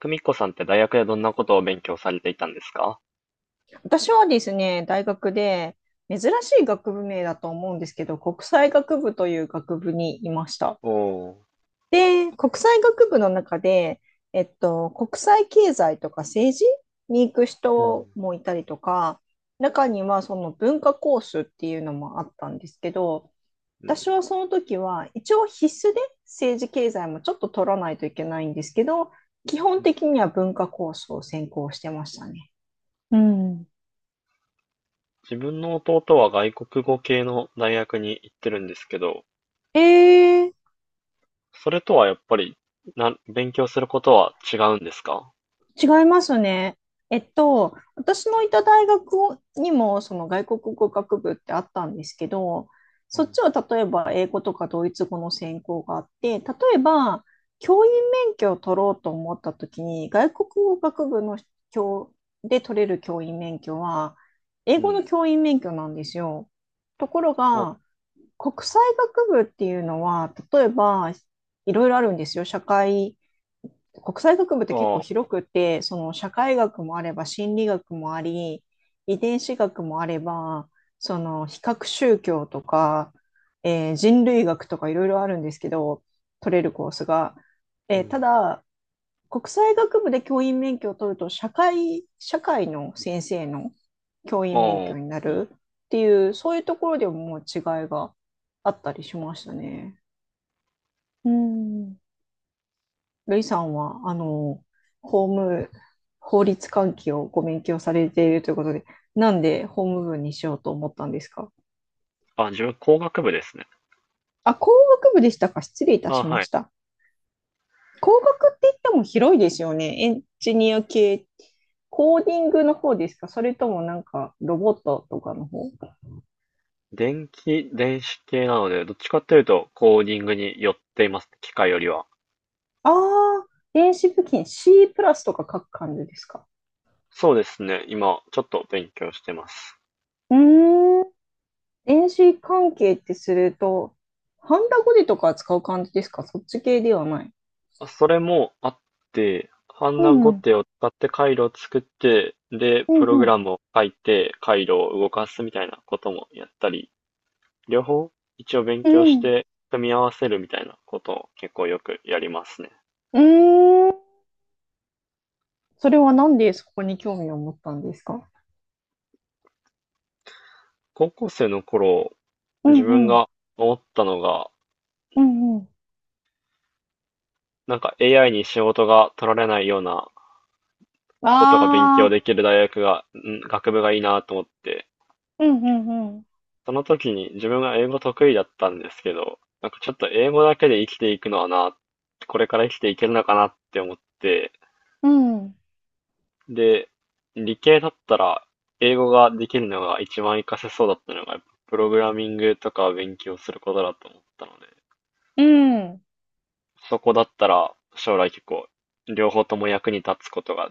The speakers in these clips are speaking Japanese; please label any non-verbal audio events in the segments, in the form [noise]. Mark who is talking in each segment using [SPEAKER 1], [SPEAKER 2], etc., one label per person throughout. [SPEAKER 1] 久美子さんって大学でどんなことを勉強されていたんですか？
[SPEAKER 2] 私はですね、大学で珍しい学部名だと思うんですけど、国際学部という学部にいました。
[SPEAKER 1] おー。
[SPEAKER 2] で、国際学部の中で、国際経済とか政治に行く
[SPEAKER 1] う
[SPEAKER 2] 人
[SPEAKER 1] ん、
[SPEAKER 2] もいたりとか、中にはその文化コースっていうのもあったんですけど、
[SPEAKER 1] う
[SPEAKER 2] 私
[SPEAKER 1] ん。
[SPEAKER 2] はその時は一応必須で政治経済もちょっと取らないといけないんですけど、基本的には文化コースを専攻してましたね。うん。
[SPEAKER 1] 自分の弟は外国語系の大学に行ってるんですけど、
[SPEAKER 2] えー
[SPEAKER 1] それとはやっぱり、勉強することは違うんですか？
[SPEAKER 2] 違いますね。私のいた大学にもその外国語学部ってあったんですけど、
[SPEAKER 1] う
[SPEAKER 2] そっ
[SPEAKER 1] ん。
[SPEAKER 2] ちは例えば英語とかドイツ語の専攻があって、例えば教員免許を取ろうと思った時に、外国語学部の教で取れる教員免許は、英
[SPEAKER 1] う
[SPEAKER 2] 語の
[SPEAKER 1] ん。
[SPEAKER 2] 教員免許なんですよ。ところ
[SPEAKER 1] お、
[SPEAKER 2] が、国際学部っていうのは、例えばいろいろあるんですよ。国際学部って結構
[SPEAKER 1] ああ、
[SPEAKER 2] 広くて、その社会学もあれば心理学もあり、遺伝子学もあれば、その比較宗教とか、人類学とかいろいろあるんですけど、取れるコースが。
[SPEAKER 1] う
[SPEAKER 2] た
[SPEAKER 1] ん。
[SPEAKER 2] だ、国際学部で教員免許を取ると、社会の先生の教員免
[SPEAKER 1] ああ、
[SPEAKER 2] 許にな
[SPEAKER 1] うん。
[SPEAKER 2] るっていう、そういうところでももう違いがあったりしましたね。うん。ルイさんは、法務、法律関係をご勉強されているということで、なんで法務部にしようと思ったんですか？
[SPEAKER 1] あ、自分工学部ですね。
[SPEAKER 2] あ、工学部でしたか？失礼いた
[SPEAKER 1] あ、
[SPEAKER 2] しま
[SPEAKER 1] はい。
[SPEAKER 2] した。工学って言っても広いですよね。エンジニア系、コーディングの方ですか？それともなんかロボットとかの方？
[SPEAKER 1] 電子系なので、どっちかっていうとコーディングに寄っています。機械よりは。
[SPEAKER 2] ああ、電子部品 C プラスとか書く感じですか？
[SPEAKER 1] そうですね。今、ちょっと勉強してます。
[SPEAKER 2] うーん、電子関係ってすると、ハンダゴテとか使う感じですか？そっち系ではない。
[SPEAKER 1] あ、それもあって、ハン
[SPEAKER 2] う
[SPEAKER 1] ナ
[SPEAKER 2] ん、
[SPEAKER 1] ゴ
[SPEAKER 2] うん、
[SPEAKER 1] テを使って回路を作って、で、
[SPEAKER 2] う
[SPEAKER 1] プログ
[SPEAKER 2] ん、
[SPEAKER 1] ラムを書いて、回路を動かすみたいなこともやったり、両方一応勉
[SPEAKER 2] う
[SPEAKER 1] 強し
[SPEAKER 2] ん、
[SPEAKER 1] て組み合わせるみたいなことを結構よくやりますね。
[SPEAKER 2] うーん。それはなんでそこに興味を持ったんですか？
[SPEAKER 1] 高校生の頃、
[SPEAKER 2] う
[SPEAKER 1] 自
[SPEAKER 2] ん、
[SPEAKER 1] 分
[SPEAKER 2] うん、
[SPEAKER 1] が思ったのが、
[SPEAKER 2] うん、うん。
[SPEAKER 1] なんか AI に仕事が取られないようなことが勉強
[SPEAKER 2] ああ、
[SPEAKER 1] できる大学が、学部がいいなと思って、
[SPEAKER 2] うん、うん、うん、
[SPEAKER 1] その時に自分が英語得意だったんですけど、なんかちょっと英語だけで生きていくのはな、これから生きていけるのかなって思って、
[SPEAKER 2] うん、
[SPEAKER 1] で、理系だったら英語ができるのが一番活かせそうだったのが、やっぱプログラミングとかを勉強することだと思ったので、
[SPEAKER 2] うん。
[SPEAKER 1] そこだったら将来結構両方とも役に立つことが、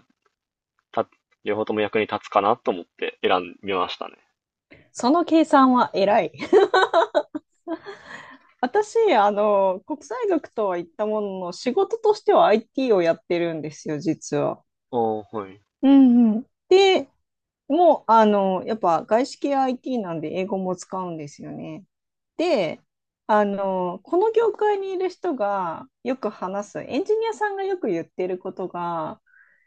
[SPEAKER 1] た、両方とも役に立つかなと思って選びましたね。
[SPEAKER 2] その計算は偉い。[laughs] 私、国際学とは言ったものの、仕事としては IT をやってるんですよ、実は。
[SPEAKER 1] ああ、はい。
[SPEAKER 2] うんうん。で、もう、やっぱ外資系 IT なんで英語も使うんですよね。で、この業界にいる人がよく話す、エンジニアさんがよく言ってることが、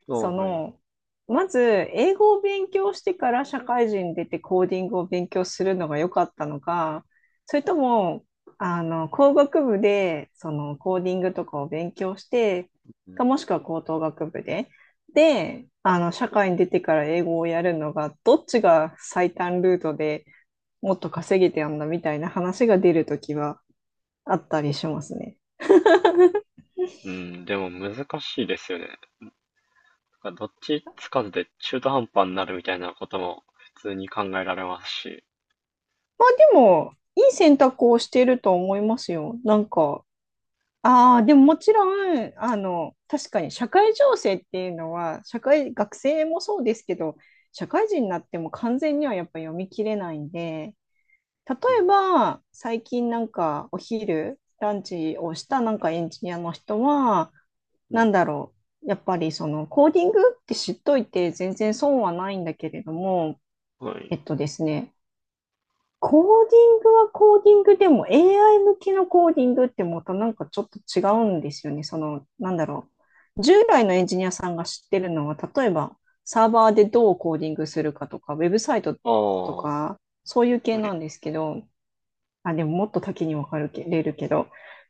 [SPEAKER 1] ああ、
[SPEAKER 2] そ
[SPEAKER 1] はい。
[SPEAKER 2] の、まず英語を勉強してから社会人出てコーディングを勉強するのが良かったのか、それとも、工学部でそのコーディングとかを勉強して、
[SPEAKER 1] う
[SPEAKER 2] か
[SPEAKER 1] ん、
[SPEAKER 2] もしくは高等学部で、で、社会に出てから英語をやるのが、どっちが最短ルートで、もっと稼げてやんだみたいな話が出るときはあったりしますね。
[SPEAKER 1] うん、でも難しいですよね。なんかどっちつかずで中途半端になるみたいなことも普通に考えられますし。
[SPEAKER 2] まあでも、いい選択をしていると思いますよ。なんか、ああ、でももちろん、確かに社会情勢っていうのは、学生もそうですけど、社会人になっても完全にはやっぱ読み切れないんで、例
[SPEAKER 1] うん。
[SPEAKER 2] えば、最近なんかランチをしたなんかエンジニアの人は、
[SPEAKER 1] う
[SPEAKER 2] な
[SPEAKER 1] ん。
[SPEAKER 2] んだろう。やっぱりそのコーディングって知っといて全然損はないんだけれども、
[SPEAKER 1] は
[SPEAKER 2] え
[SPEAKER 1] い。
[SPEAKER 2] っとですね、コーディングはコーディングでも AI 向きのコーディングってまたなんかちょっと違うんですよね。その、なんだろう。従来のエンジニアさんが知ってるのは、例えばサーバーでどうコーディングするかとか、ウェブサイト
[SPEAKER 1] あ
[SPEAKER 2] と
[SPEAKER 1] あ。
[SPEAKER 2] か、そういう系
[SPEAKER 1] は
[SPEAKER 2] な
[SPEAKER 1] い。
[SPEAKER 2] んですけど、あ、でももっと多岐に分かれるけど、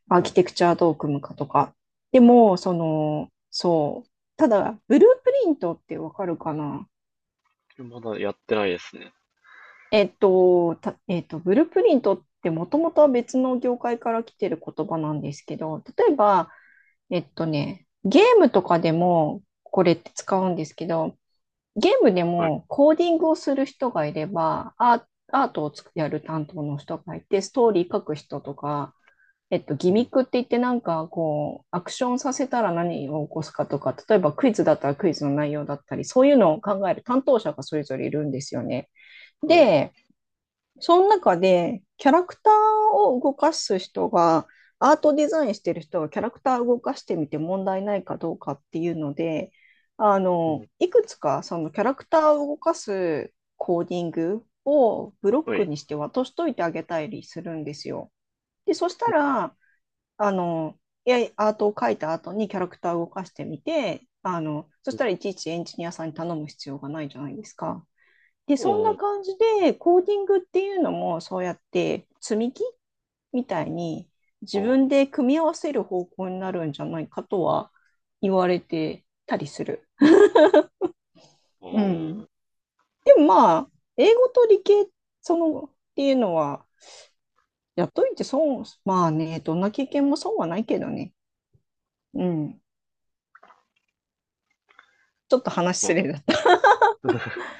[SPEAKER 2] アーキテクチャどう組むかとか。でも、その、そう。ただ、ブループリントって分かるかな？
[SPEAKER 1] まだやってないですね。
[SPEAKER 2] えっと、た、えっと、ブループリントってもともとは別の業界から来てる言葉なんですけど、例えば、ゲームとかでもこれって使うんですけど、ゲームで
[SPEAKER 1] はい。
[SPEAKER 2] もコーディングをする人がいれば、アートをつくやる担当の人がいて、ストーリー書く人とか、
[SPEAKER 1] う
[SPEAKER 2] ギミ
[SPEAKER 1] ん。
[SPEAKER 2] ックって言ってなんかこう、アクションさせたら何を起こすかとか、例えばクイズだったらクイズの内容だったり、そういうのを考える担当者がそれぞれいるんですよね。
[SPEAKER 1] はい。
[SPEAKER 2] で、その中でキャラクターを動かす人が、アートデザインしてる人がキャラクターを動かしてみて問題ないかどうかっていうので、
[SPEAKER 1] うん、
[SPEAKER 2] いくつかそのキャラクターを動かすコーディングをブロッ
[SPEAKER 1] は
[SPEAKER 2] ク
[SPEAKER 1] い。
[SPEAKER 2] にして渡しといてあげたりするんですよ。で、そしたら、あの、いや、アートを描いた後にキャラクターを動かしてみて、そしたらいちいちエンジニアさんに頼む必要がないじゃないですか。で、そん
[SPEAKER 1] お
[SPEAKER 2] な
[SPEAKER 1] ー。
[SPEAKER 2] 感じで、コーディングっていうのも、そうやって積み木みたいに自
[SPEAKER 1] おー。
[SPEAKER 2] 分で組み合わせる方向になるんじゃないかとは言われてたりする。
[SPEAKER 1] お
[SPEAKER 2] うん。
[SPEAKER 1] ー。
[SPEAKER 2] でもまあ、英語と理系、その、っていうのは、やっといて損、まあね、どんな経験も損はないけどね。うん。ちょっと話
[SPEAKER 1] ま
[SPEAKER 2] すれだ。
[SPEAKER 1] あ。[laughs]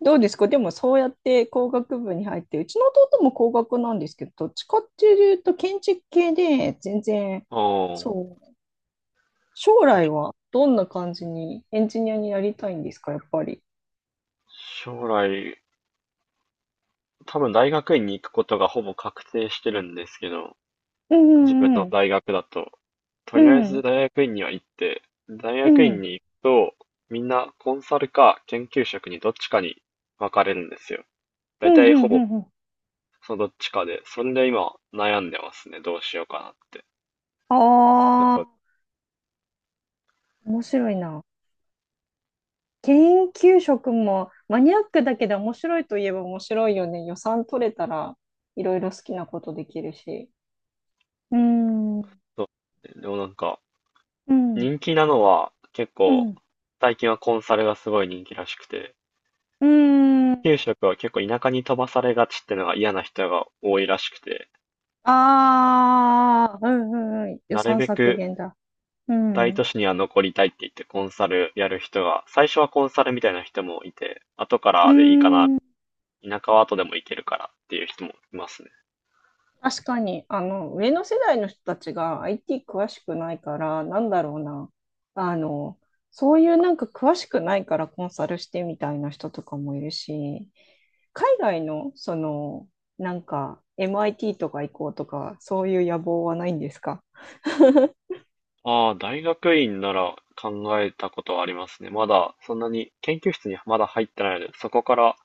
[SPEAKER 2] どうですか？でもそうやって工学部に入って、うちの弟も工学なんですけど、どっちかっていうと建築系で全然、
[SPEAKER 1] おー。
[SPEAKER 2] そう、将来はどんな感じにエンジニアになりたいんですか、やっぱり。
[SPEAKER 1] 将来、多分大学院に行くことがほぼ確定してるんですけど、
[SPEAKER 2] うん
[SPEAKER 1] 自分
[SPEAKER 2] うん
[SPEAKER 1] の
[SPEAKER 2] うん。
[SPEAKER 1] 大学だと。と
[SPEAKER 2] う
[SPEAKER 1] りあえず
[SPEAKER 2] ん
[SPEAKER 1] 大学院には行って、大
[SPEAKER 2] う
[SPEAKER 1] 学院
[SPEAKER 2] ん。
[SPEAKER 1] に行くと、みんなコンサルか研究職にどっちかに分かれるんですよ。だ
[SPEAKER 2] う
[SPEAKER 1] いた
[SPEAKER 2] ん
[SPEAKER 1] い
[SPEAKER 2] う
[SPEAKER 1] ほ
[SPEAKER 2] ん
[SPEAKER 1] ぼ
[SPEAKER 2] うんうん。
[SPEAKER 1] そのどっちかで、それで今悩んでますね。どうしようかなって。
[SPEAKER 2] あ
[SPEAKER 1] だから
[SPEAKER 2] あ、面白いな。研究職もマニアックだけど面白いといえば面白いよね。予算取れたらいろいろ好きなことできるし。うん。う
[SPEAKER 1] そでもなんか、
[SPEAKER 2] ん。
[SPEAKER 1] 人気なのは結
[SPEAKER 2] う
[SPEAKER 1] 構、
[SPEAKER 2] ん。
[SPEAKER 1] 最近はコンサルがすごい人気らしくて、
[SPEAKER 2] うーん。
[SPEAKER 1] 研究職は結構田舎に飛ばされがちってのが嫌な人が多いらしくて、
[SPEAKER 2] ああ、うんうんうん。予
[SPEAKER 1] なる
[SPEAKER 2] 算
[SPEAKER 1] べ
[SPEAKER 2] 削
[SPEAKER 1] く
[SPEAKER 2] 減だ。う
[SPEAKER 1] 大
[SPEAKER 2] ん。
[SPEAKER 1] 都
[SPEAKER 2] う
[SPEAKER 1] 市には残りたいって言ってコンサルやる人が、最初はコンサルみたいな人もいて、後か
[SPEAKER 2] ー
[SPEAKER 1] らでいいかな、
[SPEAKER 2] ん。
[SPEAKER 1] 田舎は後でも行けるからっていう人もいますね。
[SPEAKER 2] 確かに、上の世代の人たちが IT 詳しくないから、なんだろうな。あの、そういうなんか詳しくないからコンサルしてみたいな人とかもいるし、海外の、その、なんか MIT とか行こうとか、そういう野望はないんですか？
[SPEAKER 1] ああ、大学院なら考えたことはありますね。まだそんなに研究室にまだ入ってないので、そこから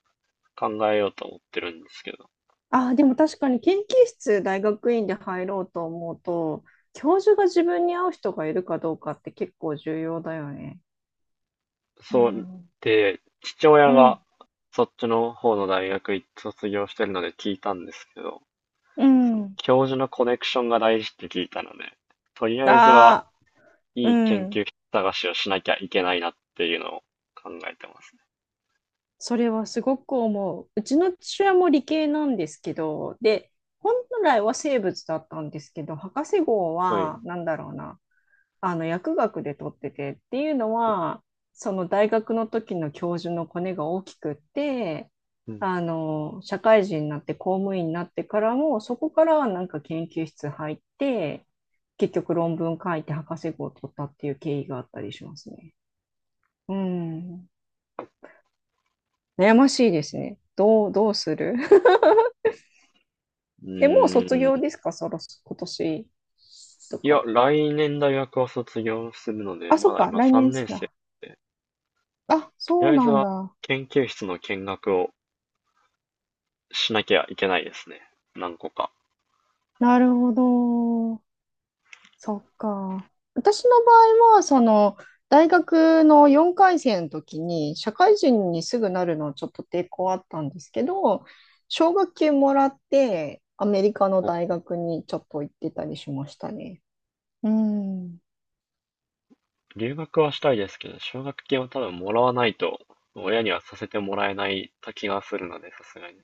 [SPEAKER 1] 考えようと思ってるんですけど。
[SPEAKER 2] あ、でも確かに研究室大学院で入ろうと思うと、教授が自分に合う人がいるかどうかって結構重要だよね。う
[SPEAKER 1] そう、
[SPEAKER 2] ん。
[SPEAKER 1] で、父
[SPEAKER 2] う
[SPEAKER 1] 親
[SPEAKER 2] ん、
[SPEAKER 1] がそっちの方の大学卒業してるので聞いたんですけど、
[SPEAKER 2] う
[SPEAKER 1] その
[SPEAKER 2] ん。
[SPEAKER 1] 教授のコネクションが大事って聞いたので、とりあえずは
[SPEAKER 2] ああ、う
[SPEAKER 1] いい研
[SPEAKER 2] ん。
[SPEAKER 1] 究室探しをしなきゃいけないなっていうのを考えてますね。
[SPEAKER 2] それはすごく思う。うちの父親も理系なんですけど、で、本来は生物だったんですけど、博士号
[SPEAKER 1] はい。
[SPEAKER 2] は、なんだろうな。あの薬学で取っててっていうのはその大学の時の教授のコネが大きくって、
[SPEAKER 1] うん。
[SPEAKER 2] あの社会人になって公務員になってからもそこからなんか研究室入って結局論文書いて博士号を取ったっていう経緯があったりしますね。うん。悩ましいですね。どうする？
[SPEAKER 1] う
[SPEAKER 2] [laughs] え、もう卒
[SPEAKER 1] ー
[SPEAKER 2] 業
[SPEAKER 1] ん。
[SPEAKER 2] ですか？そろそ、今年と
[SPEAKER 1] いや、
[SPEAKER 2] か。
[SPEAKER 1] 来年大学を卒業するので、
[SPEAKER 2] あ、そ
[SPEAKER 1] ま
[SPEAKER 2] っ
[SPEAKER 1] だ
[SPEAKER 2] か、
[SPEAKER 1] 今
[SPEAKER 2] 来年
[SPEAKER 1] 3
[SPEAKER 2] っ
[SPEAKER 1] 年
[SPEAKER 2] す
[SPEAKER 1] 生
[SPEAKER 2] な。
[SPEAKER 1] で、
[SPEAKER 2] あ、
[SPEAKER 1] とり
[SPEAKER 2] そう
[SPEAKER 1] あえず
[SPEAKER 2] なん
[SPEAKER 1] は
[SPEAKER 2] だ。
[SPEAKER 1] 研究室の見学をしなきゃいけないですね。何個か。
[SPEAKER 2] なるほど。そっか。私の場合は、その、大学の4回生の時に、社会人にすぐなるのはちょっと抵抗あったんですけど、奨学金もらって、アメリカの
[SPEAKER 1] お、
[SPEAKER 2] 大学にちょっと行ってたりしましたね。うん。
[SPEAKER 1] 留学はしたいですけど、奨学金を多分もらわないと、親にはさせてもらえない気がするので、さすがに。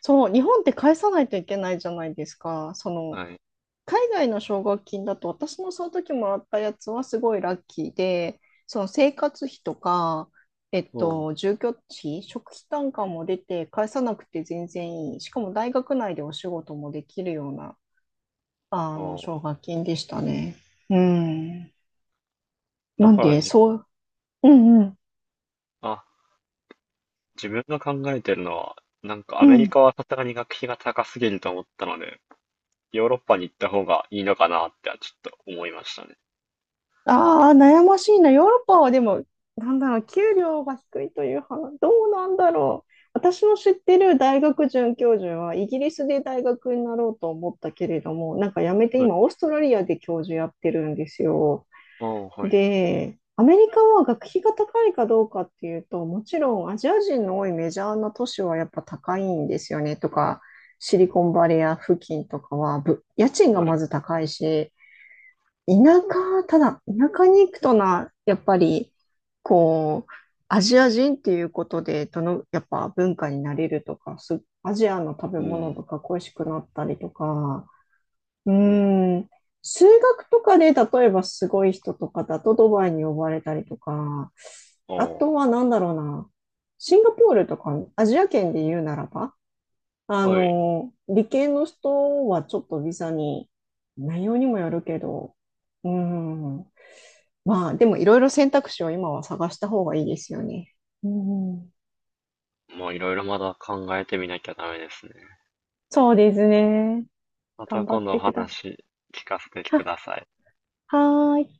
[SPEAKER 2] そう、日本って返さないといけないじゃないですか。その、
[SPEAKER 1] はい。
[SPEAKER 2] 海外の奨学金だと私のその時もらったやつはすごいラッキーで、その生活費とか、
[SPEAKER 1] そ
[SPEAKER 2] 住居費、食費単価も出て返さなくて全然いい。しかも大学内でお仕事もできるような、
[SPEAKER 1] う。あー、
[SPEAKER 2] 奨学金でしたね。うん。
[SPEAKER 1] だ
[SPEAKER 2] なん
[SPEAKER 1] から
[SPEAKER 2] で、
[SPEAKER 1] じ、
[SPEAKER 2] そう、うんうん。
[SPEAKER 1] あ、自分が考えてるのは、なんかア
[SPEAKER 2] う
[SPEAKER 1] メリ
[SPEAKER 2] ん。
[SPEAKER 1] カはさすがに学費が高すぎると思ったので、ヨーロッパに行った方がいいのかなってはちょっと思いましたね。
[SPEAKER 2] ああ、悩ましいな。ヨーロッパはでも、なんだろう、給料が低いという話、どうなんだろう。私の知ってる大学准教授は、イギリスで大学になろうと思ったけれども、なんかやめて
[SPEAKER 1] はい。
[SPEAKER 2] 今、オーストラリアで教授やってるんですよ。
[SPEAKER 1] ああ、はい。
[SPEAKER 2] で、アメリカは学費が高いかどうかっていうと、もちろんアジア人の多いメジャーな都市はやっぱ高いんですよね、とか、シリコンバレー付近とかは、家賃が
[SPEAKER 1] はい。
[SPEAKER 2] まず高いし、田ただ、田舎に行くとな、やっぱり、こう、アジア人っていうことで、やっぱ文化になれるとか、アジアの食べ
[SPEAKER 1] う
[SPEAKER 2] 物
[SPEAKER 1] ん。
[SPEAKER 2] とか恋しくなったりとか、う
[SPEAKER 1] うん。
[SPEAKER 2] ーん、数学とかで、例えばすごい人とかだとドバイに呼ばれたりとか、
[SPEAKER 1] あ
[SPEAKER 2] あとはなんだろうな、シンガポールとか、アジア圏で言うならば、
[SPEAKER 1] あ、はい。
[SPEAKER 2] 理系の人はちょっとビザに、内容にもよるけど、うん。まあ、でもいろいろ選択肢を今は探した方がいいですよね。うん。
[SPEAKER 1] まあいろいろまだ考えてみなきゃダメですね。
[SPEAKER 2] そうですね。
[SPEAKER 1] ま
[SPEAKER 2] 頑
[SPEAKER 1] た
[SPEAKER 2] 張
[SPEAKER 1] 今
[SPEAKER 2] っ
[SPEAKER 1] 度お
[SPEAKER 2] てくだ
[SPEAKER 1] 話聞かせて
[SPEAKER 2] さ
[SPEAKER 1] く
[SPEAKER 2] い。[laughs]
[SPEAKER 1] ださい。
[SPEAKER 2] は、はーい。